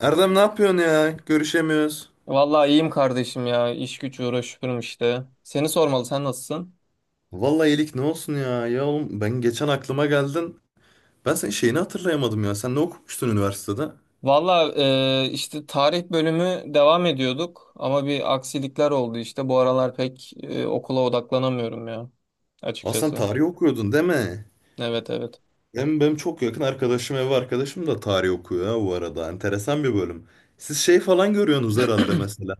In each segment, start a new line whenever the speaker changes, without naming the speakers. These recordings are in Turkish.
Erdem ne yapıyorsun ya? Görüşemiyoruz.
Vallahi iyiyim kardeşim ya. İş güç uğraşıyorum işte. Seni sormalı, sen nasılsın?
Vallahi iyilik ne olsun ya? Ya oğlum ben geçen aklıma geldin. Ben senin şeyini hatırlayamadım ya. Sen ne okumuştun üniversitede?
Vallahi işte tarih bölümü devam ediyorduk ama bir aksilikler oldu işte. Bu aralar pek okula odaklanamıyorum ya
Aa, sen
açıkçası.
tarih okuyordun değil mi?
Evet, evet.
Hem benim çok yakın arkadaşım, ev arkadaşım da tarih okuyor ha bu arada. Enteresan bir bölüm. Siz şey falan görüyorsunuz herhalde mesela.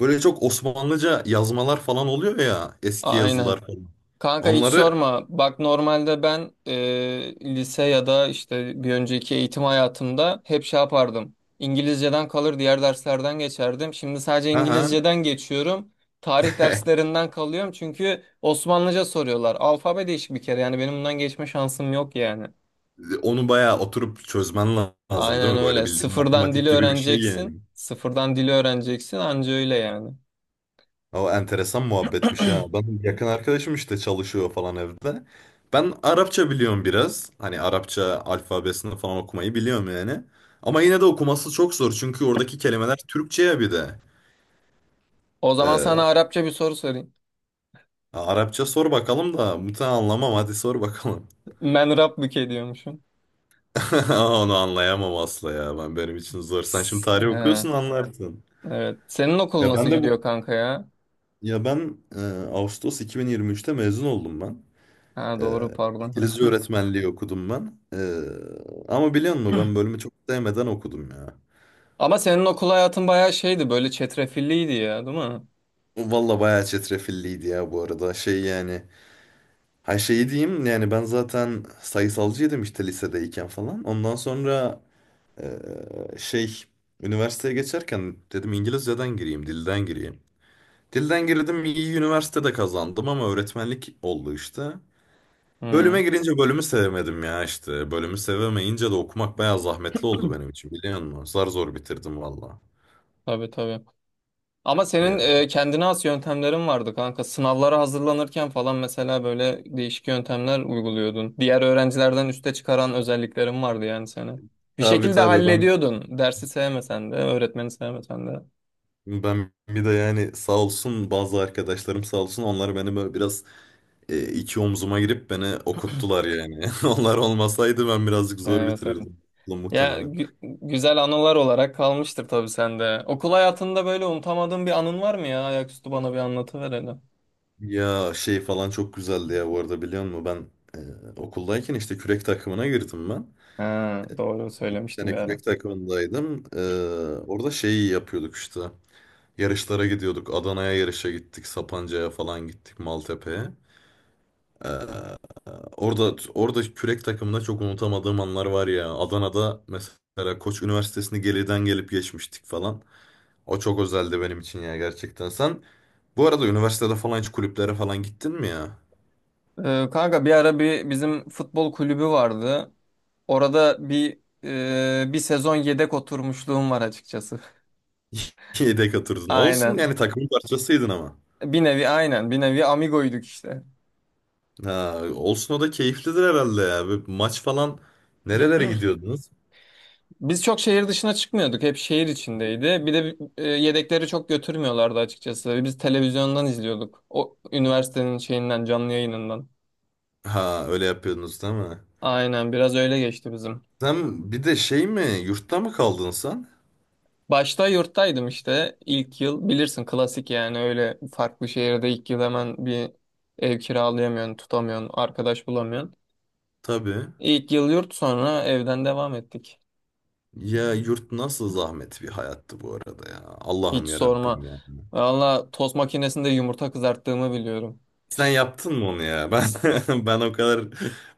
Böyle çok Osmanlıca yazmalar falan oluyor ya. Eski yazılar
Aynen.
falan.
Kanka hiç
Onları
sorma. Bak normalde ben lise ya da işte bir önceki eğitim hayatımda hep şey yapardım. İngilizceden kalır diğer derslerden geçerdim. Şimdi sadece
ha ha.
İngilizceden geçiyorum. Tarih derslerinden kalıyorum çünkü Osmanlıca soruyorlar. Alfabe değişik bir kere yani benim bundan geçme şansım yok yani.
Onu bayağı oturup çözmen lazım değil
Aynen
mi? Böyle
öyle.
bildiğin
Sıfırdan dili
matematik gibi bir şey yani.
öğreneceksin. Sıfırdan dili öğreneceksin anca öyle yani.
O enteresan muhabbetmiş ya. Ben yakın arkadaşım işte çalışıyor falan evde. Ben Arapça biliyorum biraz. Hani Arapça alfabesini falan okumayı biliyorum yani. Ama yine de okuması çok zor. Çünkü oradaki kelimeler Türkçe'ye bir de.
O zaman sana
Ee,
Arapça bir soru sorayım.
Arapça sor bakalım da muhtemelen anlamam. Hadi sor bakalım.
Ben Rabbike diyormuşum.
Onu anlayamam asla ya. Ben benim için zor. Sen şimdi tarih
He.
okuyorsun anlarsın.
Evet. Senin okul
Ya
nasıl
ben de
gidiyor
bu
kanka ya?
ya ben e, Ağustos 2023'te mezun oldum ben.
Ha,
Ee,
doğru pardon.
İngilizce öğretmenliği okudum ben. Ama biliyor musun ben bölümü çok sevmeden okudum ya.
Ama senin okul hayatın bayağı şeydi, böyle çetrefilliydi ya, değil mi?
Valla bayağı çetrefilliydi ya bu arada. Şey yani. Ha şeyi diyeyim yani ben zaten sayısalcıydım işte lisedeyken falan. Ondan sonra ee, şey üniversiteye geçerken dedim İngilizceden gireyim, dilden gireyim. Dilden girdim iyi üniversitede kazandım ama öğretmenlik oldu işte.
Hı,
Bölüme girince bölümü sevemedim ya işte. Bölümü sevemeyince de okumak bayağı zahmetli oldu benim için biliyor musun? Zar zor bitirdim valla.
tabii, tabii. Ama senin
Ya
kendine has yöntemlerin vardı kanka. Sınavlara hazırlanırken falan mesela böyle değişik yöntemler uyguluyordun. Diğer öğrencilerden üste çıkaran özelliklerin vardı yani seni. Bir
tabii
şekilde
tabii ben
hallediyordun. Dersi sevmesen de, öğretmeni sevmesen de.
ben bir de yani sağ olsun bazı arkadaşlarım sağ olsun onlar beni böyle biraz iki omzuma girip beni okuttular yani. Onlar olmasaydı ben birazcık zor
Evet, evet.
bitirirdim ulan
Ya
muhtemelen.
gü- güzel anılar olarak kalmıştır tabii sende. Okul hayatında böyle unutamadığın bir anın var mı ya? Ayaküstü bana bir anlatıver hele.
Ya şey falan çok güzeldi ya bu arada biliyor musun? Ben okuldayken işte kürek takımına girdim ben.
Ha, doğru
İki
söylemiştim
sene
bir ara.
kürek takımındaydım. Orada şeyi yapıyorduk işte. Yarışlara gidiyorduk. Adana'ya yarışa gittik. Sapanca'ya falan gittik. Maltepe'ye. Ee, orada kürek takımında çok unutamadığım anlar var ya. Adana'da mesela Koç Üniversitesi'ni geriden gelip geçmiştik falan. O çok özeldi benim için ya gerçekten. Sen bu arada üniversitede falan hiç kulüplere falan gittin mi ya?
Kanka bir ara bir bizim futbol kulübü vardı. Orada bir sezon yedek oturmuşluğum var açıkçası.
Yedek atırdın. Olsun
Aynen.
yani takımın parçasıydın ama.
Bir nevi, aynen, bir nevi amigoyduk işte.
Ha, olsun o da keyiflidir herhalde ya. Böyle maç falan nerelere gidiyordunuz?
Biz çok şehir dışına çıkmıyorduk. Hep şehir içindeydi. Bir de yedekleri çok götürmüyorlardı açıkçası. Biz televizyondan izliyorduk. O üniversitenin şeyinden, canlı yayınından.
Ha öyle yapıyordunuz değil mi?
Aynen, biraz öyle geçti bizim.
Sen bir de şey mi yurtta mı kaldın sen?
Başta yurttaydım işte ilk yıl. Bilirsin klasik yani, öyle farklı şehirde ilk yıl hemen bir ev kiralayamıyorsun, tutamıyorsun, arkadaş bulamıyorsun.
Tabii.
İlk yıl yurt, sonra evden devam ettik.
Ya yurt nasıl zahmet bir hayattı bu arada ya.
Hiç
Allah'ım ya
sorma.
Rabbim ya.
Valla tost makinesinde yumurta kızarttığımı biliyorum.
Sen yaptın mı onu ya? Ben ben o kadar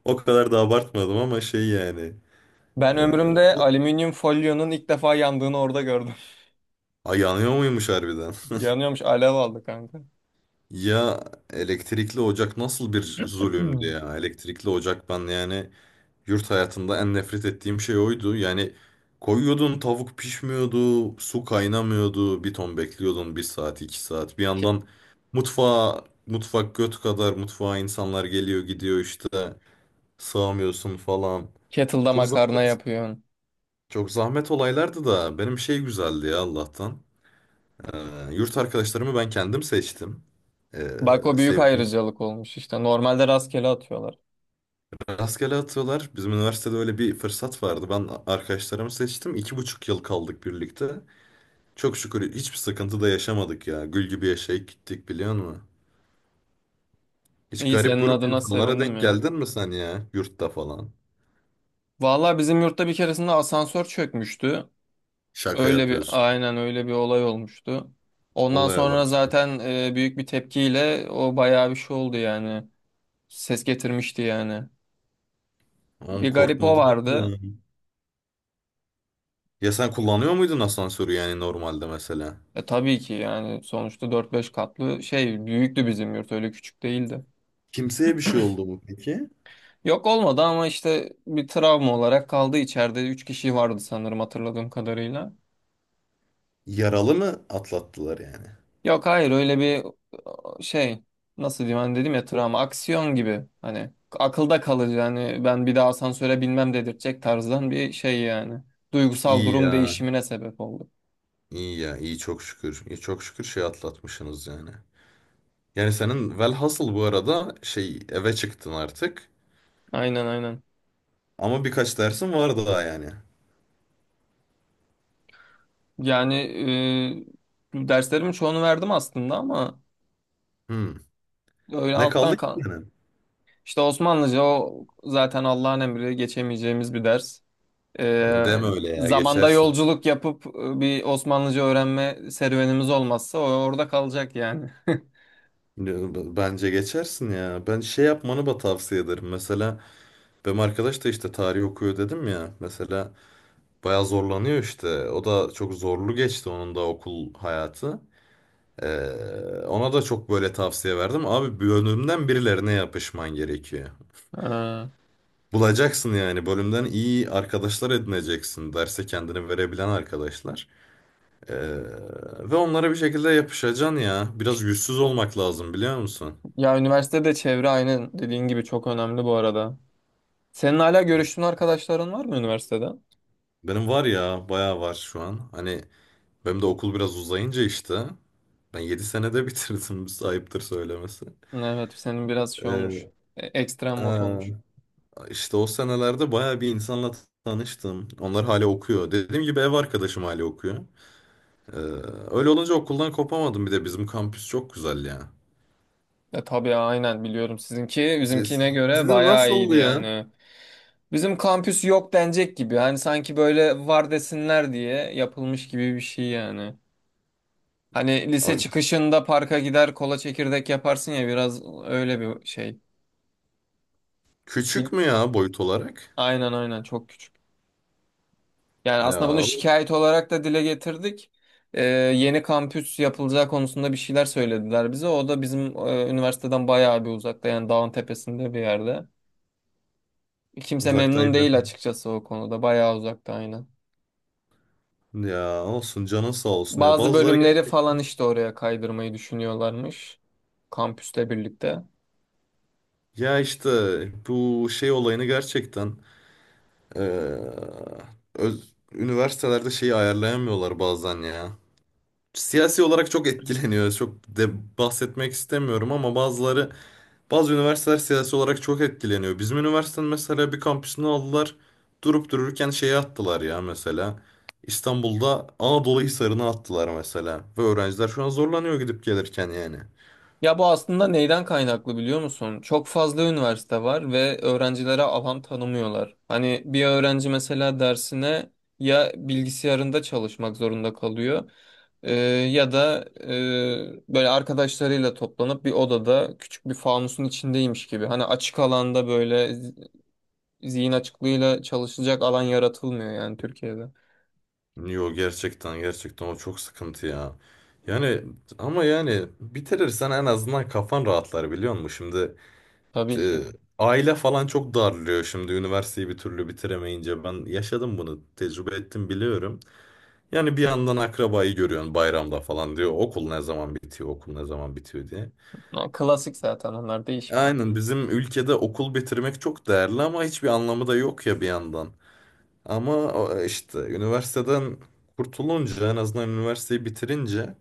o kadar da abartmadım ama şey yani.
Ben
E,
ömrümde
bu
alüminyum folyonun ilk defa yandığını orada gördüm.
Ay, yanıyor muymuş harbiden?
Yanıyormuş, alev aldı kanka.
Ya elektrikli ocak nasıl bir zulümdü
Hmm.
ya. Elektrikli ocak ben yani yurt hayatında en nefret ettiğim şey oydu. Yani koyuyordun tavuk pişmiyordu, su kaynamıyordu, bir ton bekliyordun bir saat iki saat. Bir
Ke-
yandan mutfak göt kadar mutfağa insanlar geliyor gidiyor işte sığamıyorsun falan.
Kettle'da
Çok
makarna
zahmet,
yapıyorsun.
çok zahmet olaylardı da benim şey güzeldi ya Allah'tan. Ee, yurt arkadaşlarımı ben kendim seçtim. Ee,
Bak, o büyük
sevdiğim
ayrıcalık olmuş işte. Normalde rastgele atıyorlar.
rastgele atıyorlar. Bizim üniversitede öyle bir fırsat vardı. Ben arkadaşlarımı seçtim. İki buçuk yıl kaldık birlikte. Çok şükür hiçbir sıkıntı da yaşamadık ya. Gül gibi yaşayıp gittik biliyor musun? Hiç
İyi,
garip
senin
grup
adına
insanlara
sevindim
denk
ya.
geldin mi sen ya? Yurtta falan.
Vallahi bizim yurtta bir keresinde asansör çökmüştü.
Şaka
Öyle bir
yapıyorsun.
aynen öyle bir olay olmuştu. Ondan
Olaya
sonra
bak, sen.
zaten büyük bir tepkiyle o bayağı bir şey oldu yani. Ses getirmişti yani.
Oğlum
Bir garip o
korkmadın
vardı.
mı? Ya sen kullanıyor muydun asansörü yani normalde mesela?
E tabii ki, yani sonuçta dört beş katlı şey, büyüktü bizim yurt, öyle küçük değildi.
Kimseye bir şey oldu mu peki?
Yok, olmadı ama işte bir travma olarak kaldı, içeride 3 kişi vardı sanırım hatırladığım kadarıyla.
Yaralı mı atlattılar yani?
Yok, hayır, öyle bir şey, nasıl diyeyim, hani dedim ya, travma aksiyon gibi, hani akılda kalıcı, hani ben bir daha asansöre binmem dedirtecek tarzdan bir şey yani. Duygusal
İyi
durum
ya.
değişimine sebep oldu.
İyi ya, iyi çok şükür. İyi çok şükür şey atlatmışsınız yani. Yani senin velhasıl bu arada şey eve çıktın artık.
Aynen, aynen.
Ama birkaç dersin var daha yani.
Yani derslerimin çoğunu verdim aslında ama
Hmm.
öyle
Ne
alttan
kaldı ki
kal.
senin?
İşte Osmanlıca, o zaten Allah'ın emri, geçemeyeceğimiz bir ders. Ee,
Deme öyle ya
zamanda
geçersin.
yolculuk yapıp bir Osmanlıca öğrenme serüvenimiz olmazsa o orada kalacak yani.
Ya, Bence geçersin ya. Ben şey yapmanı da tavsiye ederim. Mesela benim arkadaş da işte tarih okuyor dedim ya. Mesela bayağı zorlanıyor işte. O da çok zorlu geçti onun da okul hayatı. Ee, ona da çok böyle tavsiye verdim. Abi bölümden birilerine yapışman gerekiyor.
Ee,
Bulacaksın yani bölümden iyi arkadaşlar edineceksin. Derse kendini verebilen arkadaşlar. Ee, ve onlara bir şekilde yapışacaksın ya. Biraz yüzsüz olmak lazım biliyor musun?
ya, üniversitede çevre, aynı dediğin gibi, çok önemli bu arada. Senin hala görüştüğün arkadaşların var mı üniversitede?
Benim var ya, bayağı var şu an. Hani benim de okul biraz uzayınca işte. Ben 7 senede bitirdim. Ayıptır söylemesi.
Evet, senin biraz şey olmuş.
Ee,
Ekstrem mod
aa,
olmuş.
işte o senelerde bayağı bir insanla tanıştım. Onlar hala okuyor. Dediğim gibi ev arkadaşım hala okuyor. Ee, öyle olunca okuldan kopamadım. Bir de bizim kampüs çok güzel ya.
Tabii aynen, biliyorum, sizinki
Siz-
bizimkine göre
Sizin
bayağı iyiydi
nasıldı ya?
yani. Bizim kampüs yok denecek gibi. Hani sanki böyle var desinler diye yapılmış gibi bir şey yani. Hani
Aa,
lise çıkışında parka gider kola çekirdek yaparsın ya, biraz öyle bir şey.
küçük
Bir-
mü ya boyut olarak?
Aynen, aynen, çok küçük. Yani aslında bunu
Ya
şikayet olarak da dile getirdik. Ee, Yeni kampüs yapılacağı konusunda bir şeyler söylediler bize. O da bizim üniversiteden bayağı bir uzakta, yani dağın tepesinde bir yerde. Kimse memnun
uzaktaydı.
değil açıkçası o konuda. Bayağı uzakta, aynen.
Ya olsun canın sağ olsun ya
Bazı
bazıları
bölümleri falan
gerçekten
işte oraya kaydırmayı düşünüyorlarmış. Kampüste birlikte.
ya işte bu şey olayını gerçekten eee, üniversitelerde şeyi ayarlayamıyorlar bazen ya. Siyasi olarak çok etkileniyor. Çok de bahsetmek istemiyorum ama bazı üniversiteler siyasi olarak çok etkileniyor. Bizim üniversitenin mesela bir kampüsünü aldılar. Durup dururken şeye attılar ya mesela. İstanbul'da Anadolu Hisarı'na attılar mesela. Ve öğrenciler şu an zorlanıyor gidip gelirken yani.
Ya bu aslında neyden kaynaklı biliyor musun? Çok fazla üniversite var ve öğrencilere alan tanımıyorlar. Hani bir öğrenci mesela dersine ya bilgisayarında çalışmak zorunda kalıyor, e, ya da böyle arkadaşlarıyla toplanıp bir odada küçük bir fanusun içindeymiş gibi. Hani açık alanda böyle zihin açıklığıyla çalışacak alan yaratılmıyor yani Türkiye'de.
Yo, gerçekten o çok sıkıntı ya. Yani ama yani bitirirsen en azından kafan rahatlar biliyor musun? Şimdi
Tabii
e,
ki.
aile falan çok darlıyor şimdi üniversiteyi bir türlü bitiremeyince. Ben yaşadım bunu tecrübe ettim biliyorum. Yani bir yandan akrabayı görüyorsun bayramda falan diyor. Okul ne zaman bitiyor diye.
Ya klasik, zaten onlar değişmiyor.
Aynen bizim ülkede okul bitirmek çok değerli ama hiçbir anlamı da yok ya bir yandan. Ama işte üniversiteden kurtulunca en azından üniversiteyi bitirince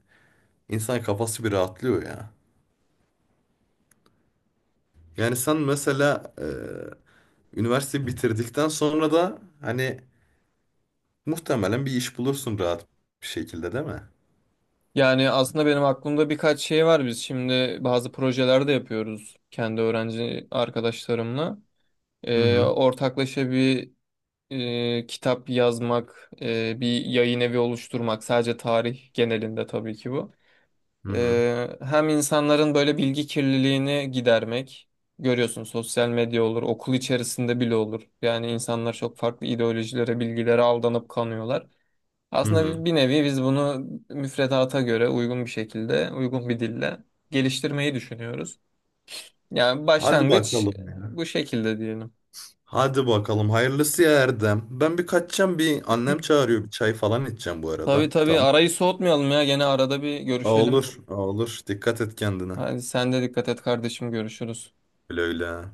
İnsan kafası bir rahatlıyor ya. Yani sen mesela üniversiteyi bitirdikten sonra da hani muhtemelen bir iş bulursun rahat bir şekilde değil mi?
Yani aslında benim aklımda birkaç şey var. Biz şimdi bazı projeler de yapıyoruz kendi öğrenci arkadaşlarımla.
Hı hı,
Ortaklaşa bir kitap yazmak, bir yayın evi oluşturmak. Sadece tarih genelinde tabii ki bu.
hı hı,
Hem insanların böyle bilgi kirliliğini gidermek. Görüyorsun, sosyal medya olur, okul içerisinde bile olur. Yani insanlar çok farklı ideolojilere, bilgilere aldanıp kanıyorlar.
hı
Aslında
hı.
bir nevi biz bunu müfredata göre uygun bir şekilde, uygun bir dille geliştirmeyi düşünüyoruz. Yani
Hadi
başlangıç
bakalım ya.
bu şekilde diyelim.
Hadi bakalım hayırlısı ya Erdem. Ben bir kaçacağım, bir annem çağırıyor bir çay falan içeceğim bu arada.
Tabii, tabii,
Tamam.
arayı soğutmayalım ya. Gene arada bir
Aa, olur,
görüşelim.
aa, olur. Dikkat et kendine.
Hadi sen de dikkat et kardeşim, görüşürüz.
Öyle öyle.